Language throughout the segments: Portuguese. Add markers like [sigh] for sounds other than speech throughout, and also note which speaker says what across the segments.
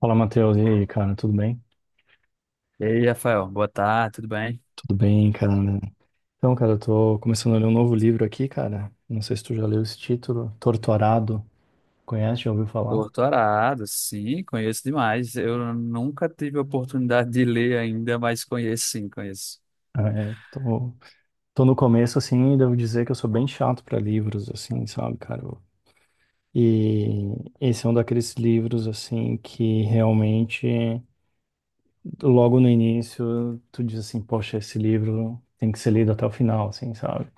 Speaker 1: Fala, Matheus. E aí, cara, tudo bem?
Speaker 2: E aí, Rafael, boa tarde, tudo bem?
Speaker 1: Tudo bem, cara. Então, cara, eu tô começando a ler um novo livro aqui, cara. Não sei se tu já leu esse título, Torturado. Conhece? Já ouviu falar?
Speaker 2: Doutorado, sim, conheço demais. Eu nunca tive a oportunidade de ler ainda, mas conheço sim, conheço. [laughs]
Speaker 1: É, tô no começo, assim, e devo dizer que eu sou bem chato pra livros, assim, sabe, cara? E esse é um daqueles livros, assim, que realmente, logo no início, tu diz assim, poxa, esse livro tem que ser lido até o final, assim, sabe?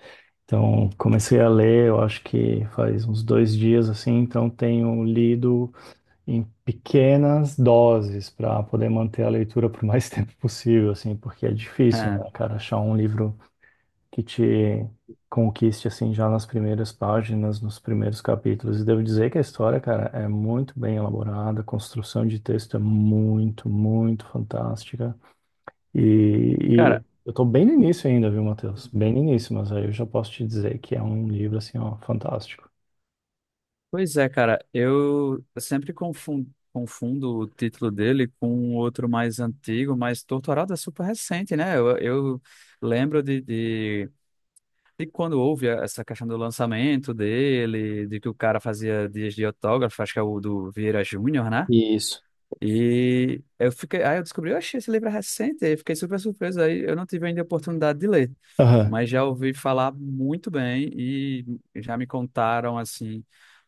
Speaker 1: Então, comecei a ler, eu acho que faz uns dois dias assim, então tenho lido em pequenas doses para poder manter a leitura por mais [laughs] tempo possível, assim, porque é difícil,
Speaker 2: Ah,
Speaker 1: né, cara, achar um livro que te conquiste assim já nas primeiras páginas, nos primeiros capítulos. E devo dizer que a história, cara, é muito bem elaborada, a construção de texto é muito, muito fantástica. E, e
Speaker 2: cara,
Speaker 1: eu tô bem no início ainda, viu, Matheus? Bem no início, mas aí eu já posso te dizer que é um livro, assim, ó, fantástico.
Speaker 2: pois é, cara, eu sempre confundo, confundo o título dele com um outro mais antigo, mas doutorado é super recente, né? Eu lembro de quando houve essa questão do lançamento dele, de que o cara fazia dias de autógrafo, acho que é o do Vieira Júnior, né?
Speaker 1: Isso.
Speaker 2: E eu fiquei, aí eu descobri, eu achei esse livro é recente, aí eu fiquei super surpreso, aí eu não tive ainda a oportunidade de ler,
Speaker 1: Aham.
Speaker 2: mas já ouvi falar muito bem e já me contaram, assim,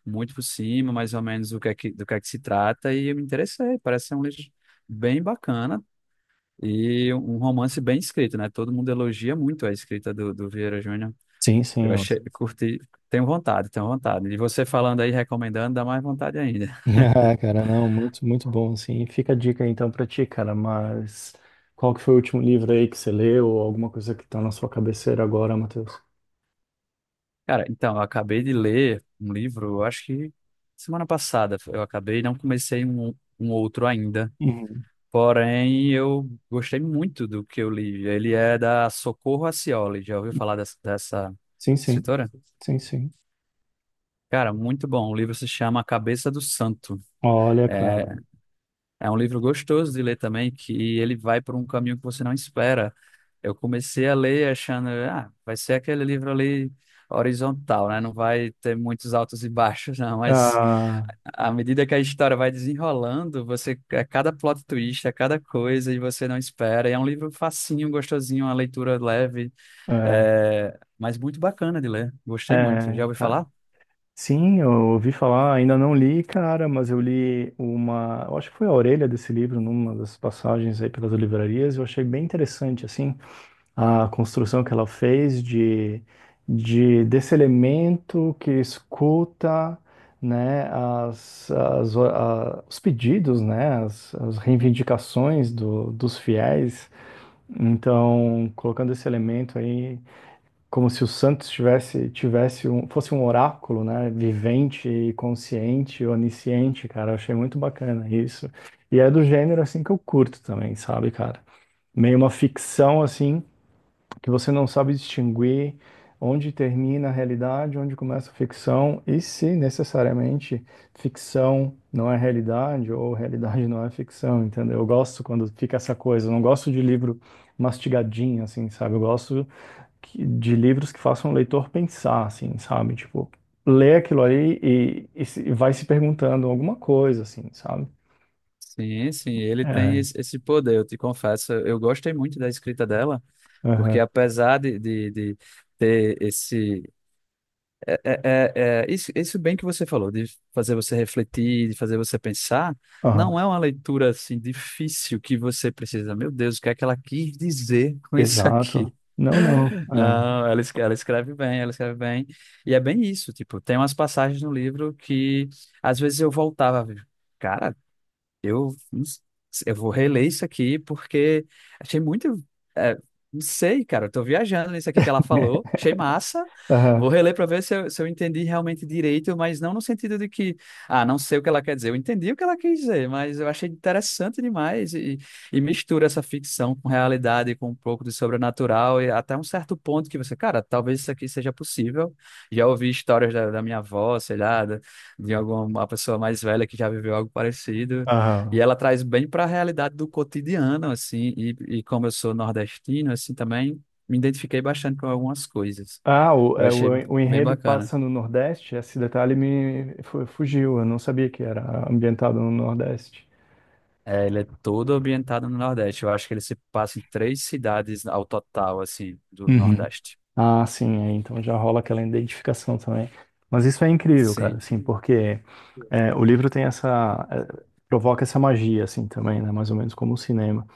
Speaker 2: muito por cima, mais ou menos o que é que, do que é que se trata, e eu me interessei, parece ser um livro bem bacana e um romance bem escrito, né? Todo mundo elogia muito a escrita do Vieira Júnior,
Speaker 1: Sim, sim,
Speaker 2: eu
Speaker 1: ó.
Speaker 2: achei,
Speaker 1: [laughs]
Speaker 2: curti, tenho vontade, e você falando aí, recomendando, dá mais vontade ainda.
Speaker 1: Ah, cara, não, muito, muito bom, assim. Fica a dica, então, pra ti, cara, mas qual que foi o último livro aí que você leu ou alguma coisa que tá na sua cabeceira agora, Matheus?
Speaker 2: Cara, então, eu acabei de ler um livro, eu acho que semana passada eu acabei, não comecei um outro ainda.
Speaker 1: Uhum.
Speaker 2: Porém, eu gostei muito do que eu li. Ele é da Socorro Acioli. Já ouviu falar dessa
Speaker 1: Sim, sim.
Speaker 2: escritora?
Speaker 1: Sim, sim.
Speaker 2: Cara, muito bom. O livro se chama A Cabeça do Santo.
Speaker 1: Olha, cara.
Speaker 2: É É um livro gostoso de ler também, que ele vai por um caminho que você não espera. Eu comecei a ler achando, ah, vai ser aquele livro ali horizontal, né? Não vai ter muitos altos e baixos, não. Mas
Speaker 1: Ah,
Speaker 2: à medida que a história vai desenrolando, você, a cada plot twist, a cada coisa, e você não espera. E é um livro facinho, gostosinho, uma leitura leve,
Speaker 1: é,
Speaker 2: mas muito bacana de ler. Gostei muito. Já
Speaker 1: é,
Speaker 2: ouvi
Speaker 1: cara.
Speaker 2: falar?
Speaker 1: Sim, eu ouvi falar, ainda não li, cara, mas eu li uma, eu acho que foi a orelha desse livro, numa das passagens aí pelas livrarias, eu achei bem interessante, assim, a construção que ela fez de desse elemento que escuta, né, os pedidos, né, as reivindicações dos fiéis, então, colocando esse elemento aí como se o Santos fosse um oráculo, né? Vivente, e consciente, onisciente, cara. Eu achei muito bacana isso. E é do gênero assim que eu curto também, sabe, cara? Meio uma ficção assim que você não sabe distinguir onde termina a realidade, onde começa a ficção e se necessariamente ficção não é realidade ou realidade não é ficção, entendeu? Eu gosto quando fica essa coisa. Eu não gosto de livro mastigadinho, assim, sabe? Eu gosto de livros que façam o leitor pensar, assim, sabe? Tipo, lê aquilo ali e, e vai se perguntando alguma coisa, assim, sabe?
Speaker 2: Sim, sim, ele tem
Speaker 1: É.
Speaker 2: esse poder, eu te confesso. Eu gostei muito da escrita dela. Porque
Speaker 1: Aham.
Speaker 2: apesar de ter esse. Isso, isso bem que você falou, de fazer você refletir, de fazer você pensar, não
Speaker 1: Aham.
Speaker 2: é uma leitura assim difícil que você precisa. Meu Deus, o que é que ela quis dizer [laughs] com isso
Speaker 1: Exato.
Speaker 2: aqui?
Speaker 1: Não, não. É.
Speaker 2: Não, ela escreve bem, ela escreve bem. E é bem isso, tipo, tem umas passagens no livro que às vezes eu voltava. Cara, eu, não s- eu vou reler isso aqui porque achei muito. é, não sei, cara, eu tô viajando nisso aqui que ela falou,
Speaker 1: [laughs]
Speaker 2: achei massa.
Speaker 1: Aham.
Speaker 2: Vou reler para ver se eu entendi realmente direito, mas não no sentido de que, ah, não sei o que ela quer dizer. Eu entendi o que ela quis dizer, mas eu achei interessante demais e mistura essa ficção com realidade, com um pouco de sobrenatural e até um certo ponto que você, cara, talvez isso aqui seja possível. Já ouvi histórias da minha avó, sei lá, de alguma pessoa mais velha que já viveu algo parecido. E
Speaker 1: Aham.
Speaker 2: ela traz bem para a realidade do cotidiano, assim, e como eu sou nordestino, assim, também me identifiquei bastante com algumas coisas.
Speaker 1: Ah,
Speaker 2: Eu achei
Speaker 1: o
Speaker 2: bem
Speaker 1: enredo
Speaker 2: bacana.
Speaker 1: passa no Nordeste, esse detalhe me fugiu, eu não sabia que era ambientado no Nordeste.
Speaker 2: É, ele é todo ambientado no Nordeste. Eu acho que ele se passa em três cidades ao total, assim, do Nordeste.
Speaker 1: Ah, sim, é, então já rola aquela identificação também. Mas isso é incrível, cara,
Speaker 2: Sim.
Speaker 1: assim,
Speaker 2: sim.
Speaker 1: porque é, o livro tem essa, é, provoca essa magia, assim, também, né? Mais ou menos como o cinema.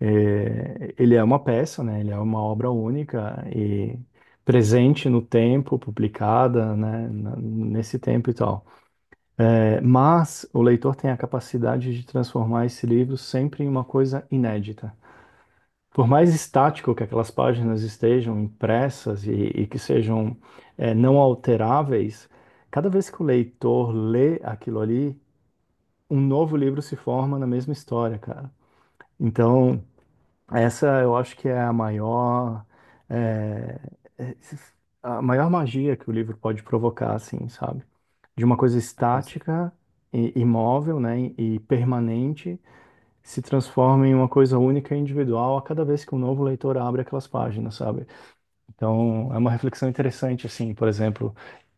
Speaker 1: É, ele é uma peça, né? Ele é uma obra única e presente no tempo, publicada, né? Nesse tempo e tal. É, mas o leitor tem a capacidade de transformar esse livro sempre em uma coisa inédita. Por mais estático que aquelas páginas estejam impressas e que sejam não alteráveis, cada vez que o leitor lê aquilo ali, um novo livro se forma na mesma história, cara. Então, essa eu acho que é a maior, eh, eh, a maior magia que o livro pode provocar, assim, sabe? De uma coisa
Speaker 2: É, [laughs]
Speaker 1: estática e imóvel, né, e permanente se transforma em uma coisa única e individual a cada vez que um novo leitor abre aquelas páginas, sabe? Então, é uma reflexão interessante, assim, por exemplo,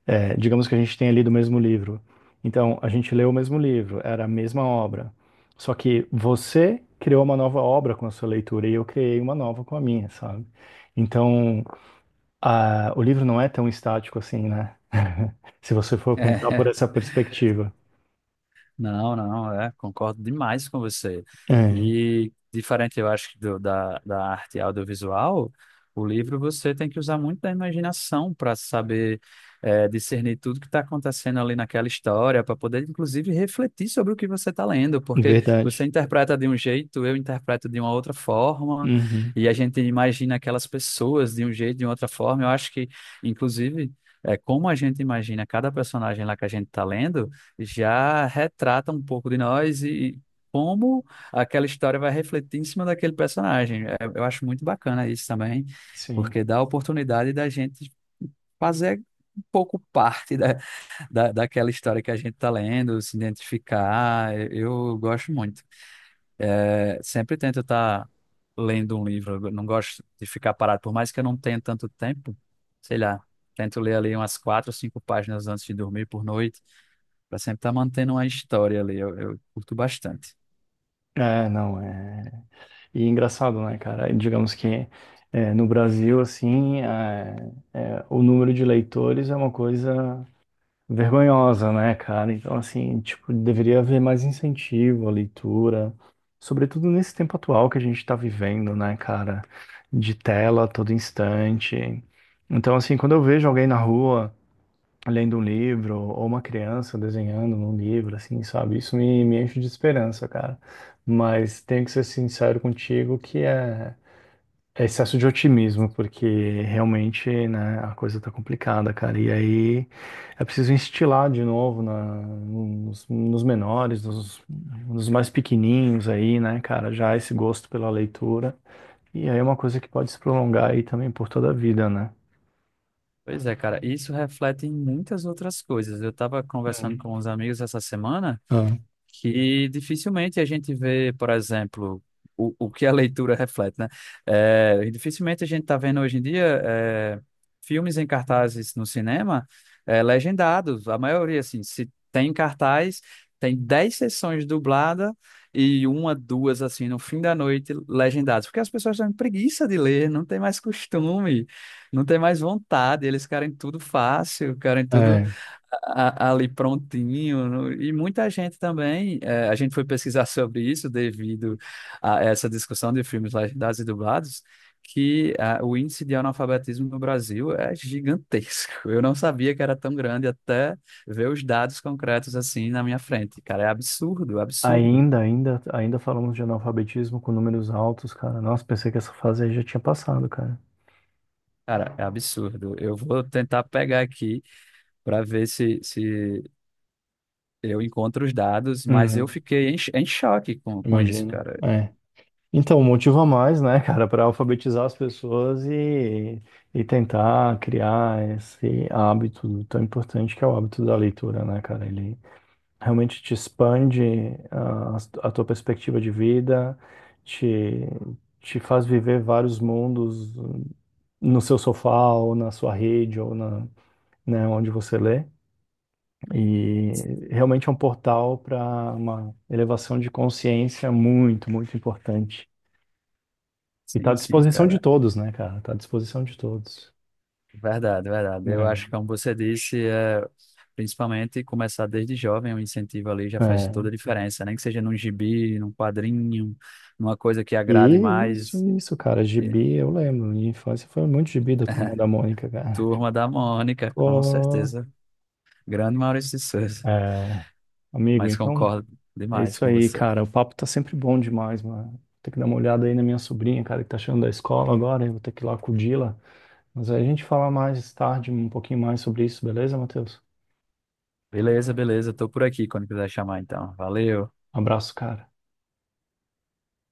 Speaker 1: é, digamos que a gente tenha lido o mesmo livro. Então, a gente leu o mesmo livro, era a mesma obra. Só que você criou uma nova obra com a sua leitura e eu criei uma nova com a minha, sabe? Então, o livro não é tão estático assim, né? [laughs] Se você for pensar por
Speaker 2: É.
Speaker 1: essa perspectiva.
Speaker 2: Não, não, é, concordo demais com você.
Speaker 1: É,
Speaker 2: E diferente, eu acho, da arte audiovisual, o livro você tem que usar muito da imaginação para saber discernir tudo que está acontecendo ali naquela história, para poder, inclusive, refletir sobre o que você está lendo, porque
Speaker 1: verdade.
Speaker 2: você interpreta de um jeito, eu interpreto de uma outra forma,
Speaker 1: Uhum.
Speaker 2: e a gente imagina aquelas pessoas de um jeito, de outra forma. Eu acho que, inclusive, como a gente imagina cada personagem lá que a gente está lendo já retrata um pouco de nós e como aquela história vai refletir em cima daquele personagem. É, eu acho muito bacana isso também,
Speaker 1: Sim.
Speaker 2: porque dá a oportunidade da gente fazer um pouco parte daquela história que a gente está lendo, se identificar. Eu gosto muito. É, sempre tento estar lendo um livro, eu não gosto de ficar parado, por mais que eu não tenha tanto tempo, sei lá. Tento ler ali umas quatro ou cinco páginas antes de dormir por noite. Pra sempre estar mantendo uma história ali. Eu curto bastante.
Speaker 1: É, não, é. E é engraçado, né, cara? Digamos que no Brasil, assim, o número de leitores é uma coisa vergonhosa, né, cara? Então, assim, tipo, deveria haver mais incentivo à leitura, sobretudo nesse tempo atual que a gente tá vivendo, né, cara? De tela a todo instante. Então, assim, quando eu vejo alguém na rua lendo um livro, ou uma criança desenhando num livro, assim, sabe? Isso me enche de esperança, cara. Mas tenho que ser sincero contigo que é, é excesso de otimismo, porque realmente, né, a coisa tá complicada, cara. E aí é preciso instilar de novo nos menores, nos mais pequenininhos aí, né, cara, já esse gosto pela leitura. E aí é uma coisa que pode se prolongar aí também por toda a vida, né?
Speaker 2: Pois é, cara, isso reflete em muitas outras coisas. Eu tava conversando
Speaker 1: Hum.
Speaker 2: com uns amigos essa semana,
Speaker 1: Ah,
Speaker 2: que dificilmente a gente vê, por exemplo, o que a leitura [laughs] reflete, né? É, e dificilmente a gente está vendo hoje em dia filmes em cartazes no cinema legendados. A maioria, assim, se tem cartaz, tem 10 sessões dubladas e uma, duas, assim, no fim da noite, legendadas. Porque as pessoas têm preguiça de ler, não tem mais costume, não tem mais vontade, eles querem tudo fácil, querem tudo
Speaker 1: é.
Speaker 2: ali prontinho. E muita gente também, a gente foi pesquisar sobre isso devido a essa discussão de filmes legendados e dublados, que ah, o índice de analfabetismo no Brasil é gigantesco. Eu não sabia que era tão grande até ver os dados concretos assim na minha frente. Cara, é absurdo, absurdo.
Speaker 1: Ainda falamos de analfabetismo com números altos, cara. Nossa, pensei que essa fase aí já tinha passado, cara.
Speaker 2: Cara, é absurdo. Eu vou tentar pegar aqui para ver se eu encontro os dados, mas eu
Speaker 1: Uhum,
Speaker 2: fiquei em choque com isso,
Speaker 1: imagino.
Speaker 2: cara.
Speaker 1: É. Então, motivo a mais, né, [laughs] cara, para alfabetizar as pessoas e tentar criar esse hábito tão importante que é o hábito da leitura, né, cara? Ele realmente te expande a tua perspectiva de vida, te, te faz viver vários mundos no seu sofá, ou na sua rede, ou na, né, onde você lê, e realmente é um portal para uma elevação de consciência muito, muito importante. E está à
Speaker 2: Sim, sim,
Speaker 1: disposição de
Speaker 2: cara.
Speaker 1: todos, né, cara? Está à disposição de todos.
Speaker 2: Verdade, verdade. Eu
Speaker 1: É.
Speaker 2: acho que, como você disse, principalmente começar desde jovem, um incentivo ali já faz toda
Speaker 1: É.
Speaker 2: a diferença, nem que seja num gibi, num quadrinho, numa coisa que
Speaker 1: E
Speaker 2: agrade
Speaker 1: isso,
Speaker 2: mais.
Speaker 1: isso, cara,
Speaker 2: E
Speaker 1: gibi, eu lembro, minha infância foi muito gibi da Turma da Mônica, cara.
Speaker 2: Turma da Mônica, com
Speaker 1: Ô,
Speaker 2: certeza. Grande Maurício de Souza,
Speaker 1: é, amigo,
Speaker 2: mas
Speaker 1: então
Speaker 2: concordo
Speaker 1: é
Speaker 2: demais
Speaker 1: isso
Speaker 2: com
Speaker 1: aí,
Speaker 2: você.
Speaker 1: cara. O papo tá sempre bom demais, mano. Vou ter que dar uma olhada aí na minha sobrinha, cara, que tá chegando da escola agora, eu vou ter que ir lá acudi-la. Mas aí a gente fala mais tarde um pouquinho mais sobre isso, beleza, Matheus?
Speaker 2: Beleza, beleza, tô por aqui quando quiser chamar, então. Valeu.
Speaker 1: Abraço, cara.